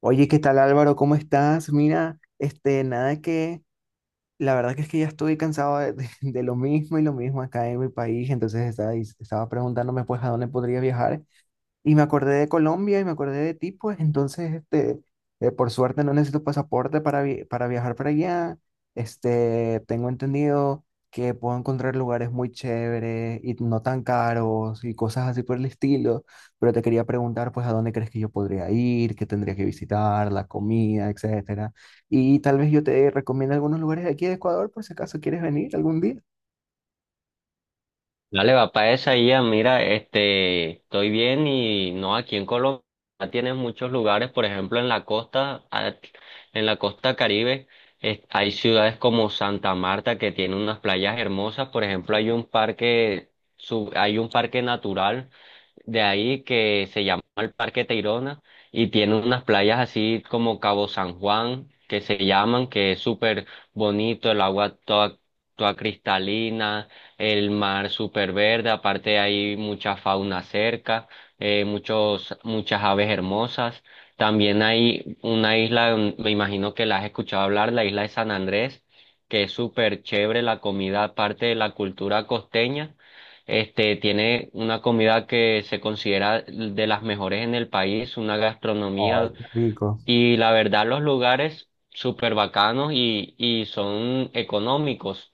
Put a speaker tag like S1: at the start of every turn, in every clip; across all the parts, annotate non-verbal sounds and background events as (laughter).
S1: Oye, ¿qué tal Álvaro? ¿Cómo estás? Mira, nada que, la verdad que es que ya estoy cansado (laughs) de lo mismo y lo mismo acá en mi país, entonces estaba preguntándome pues a dónde podría viajar y me acordé de Colombia y me acordé de ti, pues entonces, por suerte no necesito pasaporte para viajar para allá. Tengo entendido que puedo encontrar lugares muy chéveres y no tan caros y cosas así por el estilo, pero te quería preguntar, pues, a dónde crees que yo podría ir, qué tendría que visitar, la comida, etcétera. Y tal vez yo te recomiende algunos lugares de aquí de Ecuador por si acaso quieres venir algún día.
S2: Dale, va para esa ya, mira, estoy bien. Y no, aquí en Colombia tienes muchos lugares. Por ejemplo, en la costa, en la costa Caribe, hay ciudades como Santa Marta que tiene unas playas hermosas. Por ejemplo, hay un parque, hay un parque natural de ahí que se llama el Parque Tayrona y tiene unas playas así como Cabo San Juan que se llaman, que es súper bonito, el agua toda, toda cristalina, el mar súper verde. Aparte, hay mucha fauna cerca, muchas aves hermosas. También hay una isla, me imagino que la has escuchado hablar, la isla de San Andrés, que es súper chévere la comida, aparte de la cultura costeña. Tiene una comida que se considera de las mejores en el país, una
S1: Ay,
S2: gastronomía.
S1: qué rico.
S2: Y la verdad los lugares súper bacanos y son económicos.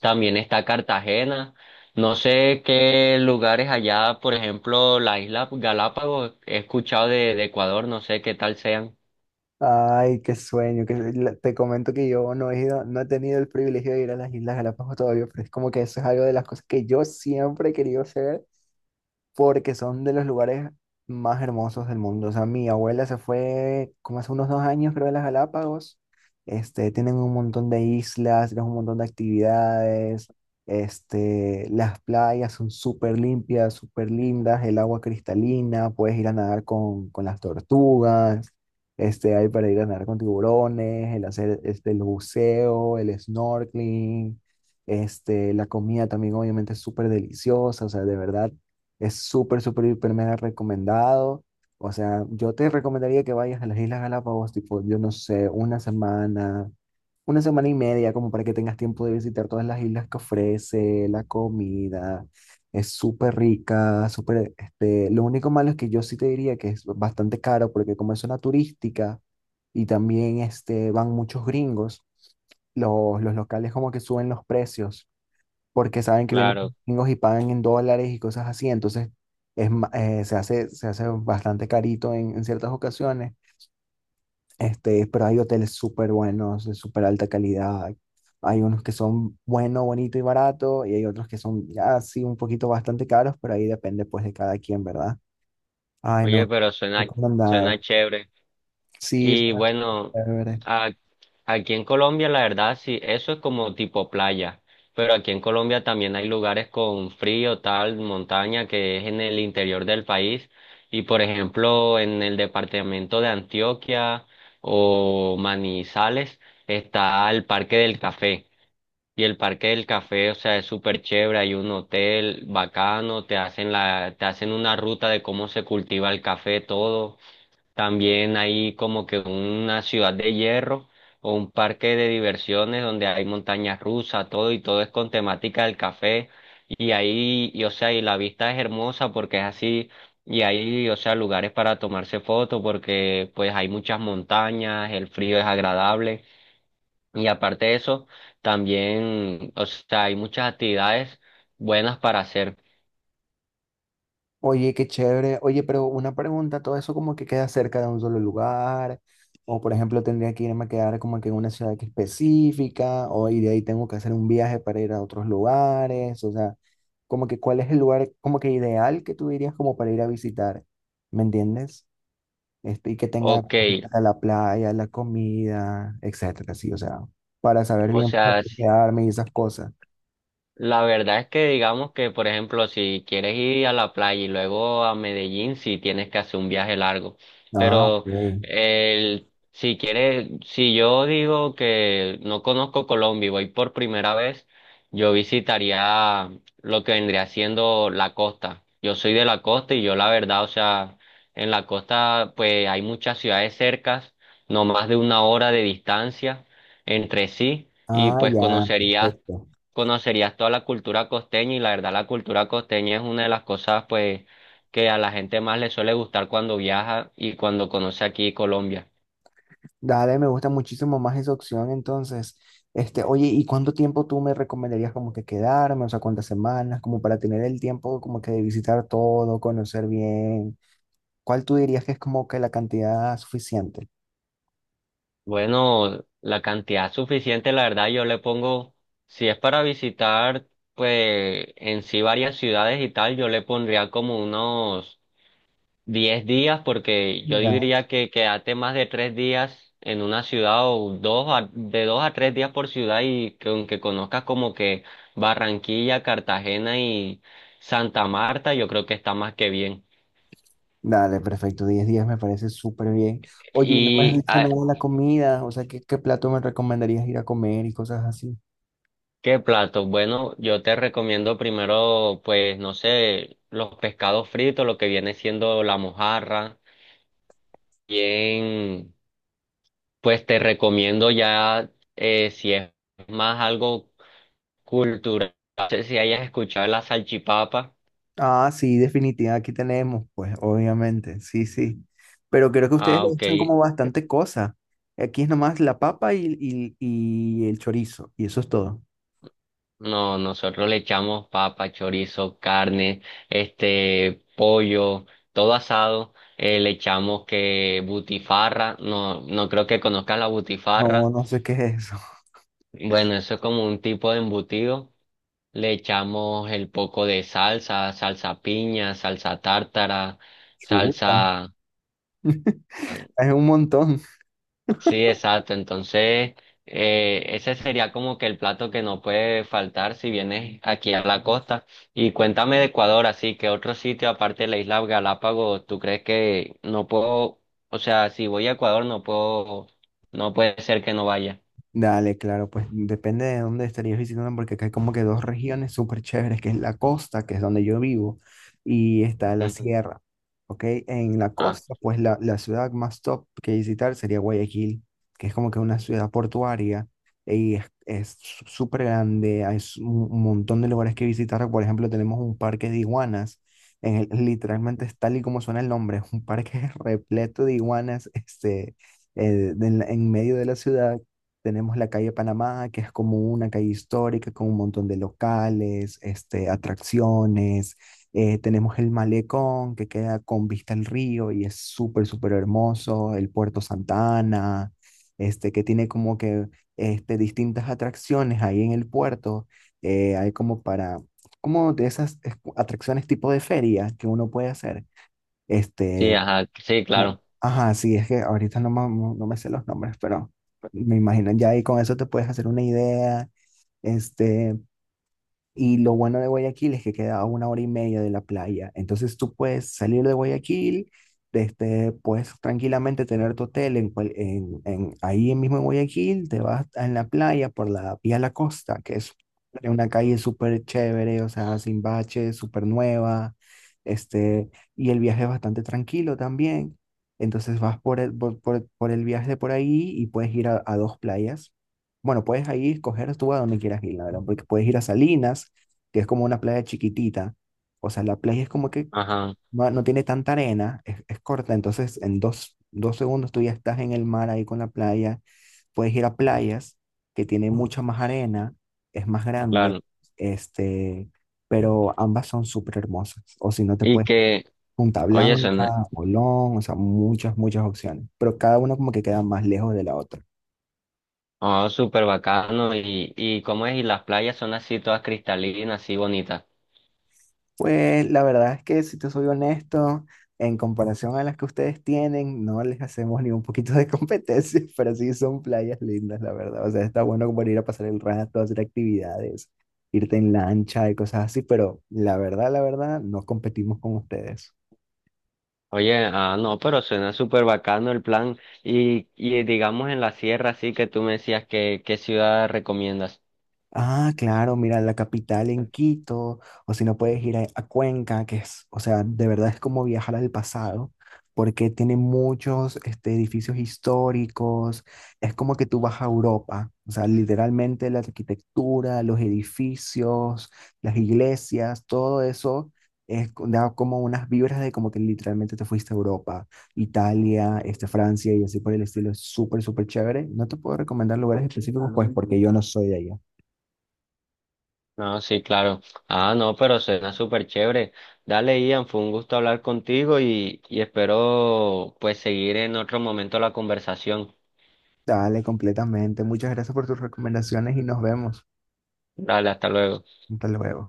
S2: También está Cartagena. No sé qué lugares allá, por ejemplo, la isla Galápagos, he escuchado de Ecuador, no sé qué tal sean.
S1: Ay, qué sueño. Te comento que yo no he ido, no he tenido el privilegio de ir a las Islas Galápagos todavía, pero es como que eso es algo de las cosas que yo siempre he querido hacer porque son de los lugares más hermosos del mundo. O sea, mi abuela se fue como hace unos 2 años, creo, de las Galápagos. Tienen un montón de islas, tienen un montón de actividades. Las playas son súper limpias, súper lindas, el agua cristalina, puedes ir a nadar con las tortugas. Este, hay para ir a nadar con tiburones, el hacer el buceo, el snorkeling, la comida también obviamente es súper deliciosa, o sea, de verdad es súper, súper, hiper mega recomendado. O sea, yo te recomendaría que vayas a las Islas Galápagos, tipo, yo no sé, una semana y media, como para que tengas tiempo de visitar todas las islas que ofrece, la comida. Es súper rica, súper, lo único malo es que yo sí te diría que es bastante caro, porque como es zona turística y también, van muchos gringos, los locales como que suben los precios porque saben que vienen
S2: Claro.
S1: gringos y pagan en dólares y cosas así, entonces se hace bastante carito en ciertas ocasiones, pero hay hoteles súper buenos, de súper alta calidad, hay unos que son bueno, bonito y barato, y hay otros que son ya sí un poquito bastante caros, pero ahí depende pues de cada quien, ¿verdad? Ay,
S2: Oye,
S1: no,
S2: pero suena
S1: recomendado.
S2: chévere.
S1: Sí,
S2: Y
S1: suena
S2: bueno,
S1: súper chévere.
S2: a- aquí en Colombia la verdad sí, eso es como tipo playa, pero aquí en Colombia también hay lugares con frío, tal, montaña, que es en el interior del país. Y por ejemplo, en el departamento de Antioquia o Manizales está el Parque del Café. Y el Parque del Café, o sea, es súper chévere, hay un hotel bacano, te hacen te hacen una ruta de cómo se cultiva el café, todo. También hay como que una ciudad de hierro o un parque de diversiones donde hay montañas rusas, todo y todo es con temática del café. Y ahí, o sea, y la vista es hermosa porque es así. Y ahí, o sea, lugares para tomarse fotos porque pues hay muchas montañas, el frío es agradable. Y aparte de eso, también, o sea, hay muchas actividades buenas para hacer.
S1: Oye, qué chévere. Oye, pero una pregunta, ¿todo eso como que queda cerca de un solo lugar? O por ejemplo, ¿tendría que irme a quedar como que en una ciudad que específica? ¿O y de ahí tengo que hacer un viaje para ir a otros lugares? O sea, como que cuál es el lugar como que ideal que tú dirías como para ir a visitar, ¿me entiendes? Y que tenga
S2: Ok,
S1: como que tenga la playa, la comida, etcétera, sí, o sea, para saber
S2: o
S1: bien por
S2: sea...
S1: dónde quedarme y esas cosas.
S2: la verdad es que digamos que, por ejemplo, si quieres ir a la playa y luego a Medellín, si tienes que hacer un viaje largo.
S1: Ah, ok.
S2: Pero si quieres, si yo digo que no conozco Colombia y voy por primera vez, yo visitaría lo que vendría siendo la costa. Yo soy de la costa y yo la verdad, o sea, en la costa pues hay muchas ciudades cercas, no más de una hora de distancia entre sí, y
S1: Ah,
S2: pues
S1: ya, perfecto.
S2: conocerías toda la cultura costeña y la verdad la cultura costeña es una de las cosas pues que a la gente más le suele gustar cuando viaja y cuando conoce aquí Colombia.
S1: Dale, me gusta muchísimo más esa opción, entonces, oye, ¿y cuánto tiempo tú me recomendarías como que quedarme? O sea, ¿cuántas semanas? Como para tener el tiempo como que de visitar todo, conocer bien. ¿Cuál tú dirías que es como que la cantidad suficiente?
S2: Bueno, la cantidad suficiente, la verdad yo le pongo, si es para visitar pues en sí varias ciudades y tal, yo le pondría como unos diez días, porque yo
S1: Ya,
S2: diría que quedarte más de 3 días en una ciudad o de 2 a 3 días por ciudad y que aunque conozcas como que Barranquilla, Cartagena y Santa Marta, yo creo que está más que bien.
S1: dale, perfecto, 10 días me parece súper bien. Oye, ¿y no me has
S2: ¿Y
S1: dicho nada de la comida, o sea, ¿qué plato me recomendarías ir a comer y cosas así?
S2: qué plato? Bueno, yo te recomiendo primero, pues, no sé, los pescados fritos, lo que viene siendo la mojarra, bien. Pues te recomiendo ya, si es más algo cultural, no sé si hayas escuchado la salchipapa.
S1: Ah, sí, definitiva, aquí tenemos, pues, obviamente, sí, sí. Pero creo que ustedes
S2: Ah,
S1: le
S2: ok.
S1: echan como bastante cosa. Aquí es nomás la papa y el chorizo, y eso es todo.
S2: No, nosotros le echamos papa, chorizo, carne, pollo, todo asado. Le echamos que butifarra, no, no creo que conozcas la
S1: No,
S2: butifarra.
S1: no sé qué es eso. (laughs)
S2: Bueno, eso es como un tipo de embutido. Le echamos el poco de salsa, salsa piña, salsa tártara,
S1: Chuta,
S2: salsa.
S1: (laughs) es un montón.
S2: Sí, exacto. Entonces, ese sería como que el plato que no puede faltar si vienes aquí a la costa. Y cuéntame de Ecuador, así que otro sitio aparte de la isla Galápagos, ¿tú crees que no puedo, o sea, si voy a Ecuador no puedo, no puede ser que no vaya?
S1: Dale, claro, pues depende de dónde estarías visitando, porque acá hay como que dos regiones súper chéveres, que es la costa, que es donde yo vivo, y está la
S2: Ujú.
S1: sierra, ¿ok? En la
S2: Ah,
S1: costa, pues la ciudad más top que visitar sería Guayaquil, que es como que una ciudad portuaria, y es súper grande, hay un montón de lugares que visitar, por ejemplo, tenemos un parque de iguanas, literalmente es tal y como suena el nombre, es un parque (laughs) repleto de iguanas, en medio de la ciudad tenemos la calle Panamá, que es como una calle histórica con un montón de locales, atracciones. Tenemos el malecón, que queda con vista al río y es súper, súper hermoso. El Puerto Santa Ana, que tiene como que distintas atracciones ahí en el puerto. Hay como para, como de esas atracciones tipo de feria que uno puede hacer.
S2: sí,
S1: Este,
S2: ajá, sí, claro.
S1: Ajá, sí, es que ahorita no, me no no me sé los nombres, pero me imagino ya ahí con eso te puedes hacer una idea. Este, y lo bueno de Guayaquil es que queda a una hora y media de la playa. Entonces tú puedes salir de Guayaquil, puedes tranquilamente tener tu hotel en cual- en- ahí mismo en Guayaquil, te vas en la playa por la vía La Costa, que es una calle súper chévere, o sea, sin baches, súper nueva, y el viaje es bastante tranquilo también. Entonces vas por el viaje por ahí y puedes ir a dos playas. Bueno, puedes ahí escoger tú a donde quieras ir, la verdad, porque puedes ir a Salinas, que es como una playa chiquitita. O sea, la playa es como que
S2: Ajá.
S1: no, no tiene tanta arena, es corta, entonces en dos segundos tú ya estás en el mar ahí con la playa. Puedes ir a playas que tienen mucha más arena, es más grande,
S2: Claro.
S1: este, pero ambas son súper hermosas. O si no, te
S2: Y
S1: puedes ir a
S2: que,
S1: Punta
S2: oye,
S1: Blanca,
S2: suena
S1: Olón, o sea, muchas, muchas opciones, pero cada una como que queda más lejos de la otra.
S2: oh, súper bacano. Y cómo es, y las playas son así todas cristalinas, así bonitas.
S1: Pues la verdad es que si te soy honesto, en comparación a las que ustedes tienen, no les hacemos ni un poquito de competencia, (laughs) pero sí son playas lindas, la verdad. O sea, está bueno como ir a pasar el rato, hacer actividades, irte en lancha y cosas así, pero la verdad, no competimos con ustedes.
S2: Oye, no, pero suena súper bacano el plan. Y digamos en la sierra, así que tú me decías qué ciudad recomiendas.
S1: Ah, claro, mira, la capital en Quito, o si no puedes ir a Cuenca, que es, o sea, de verdad es como viajar al pasado, porque tiene muchos edificios históricos, es como que tú vas a Europa, o sea, literalmente la arquitectura, los edificios, las iglesias, todo eso es, co- da como unas vibras de como que literalmente te fuiste a Europa, Italia, Francia y así por el estilo, es súper, súper chévere. No te puedo recomendar lugares específicos, pues, porque yo no soy de allá.
S2: No, sí, claro. Ah, no, pero suena súper chévere. Dale, Ian, fue un gusto hablar contigo y espero pues seguir en otro momento la conversación.
S1: Dale, completamente. Muchas gracias por tus recomendaciones y nos vemos.
S2: Dale, hasta luego.
S1: Hasta luego.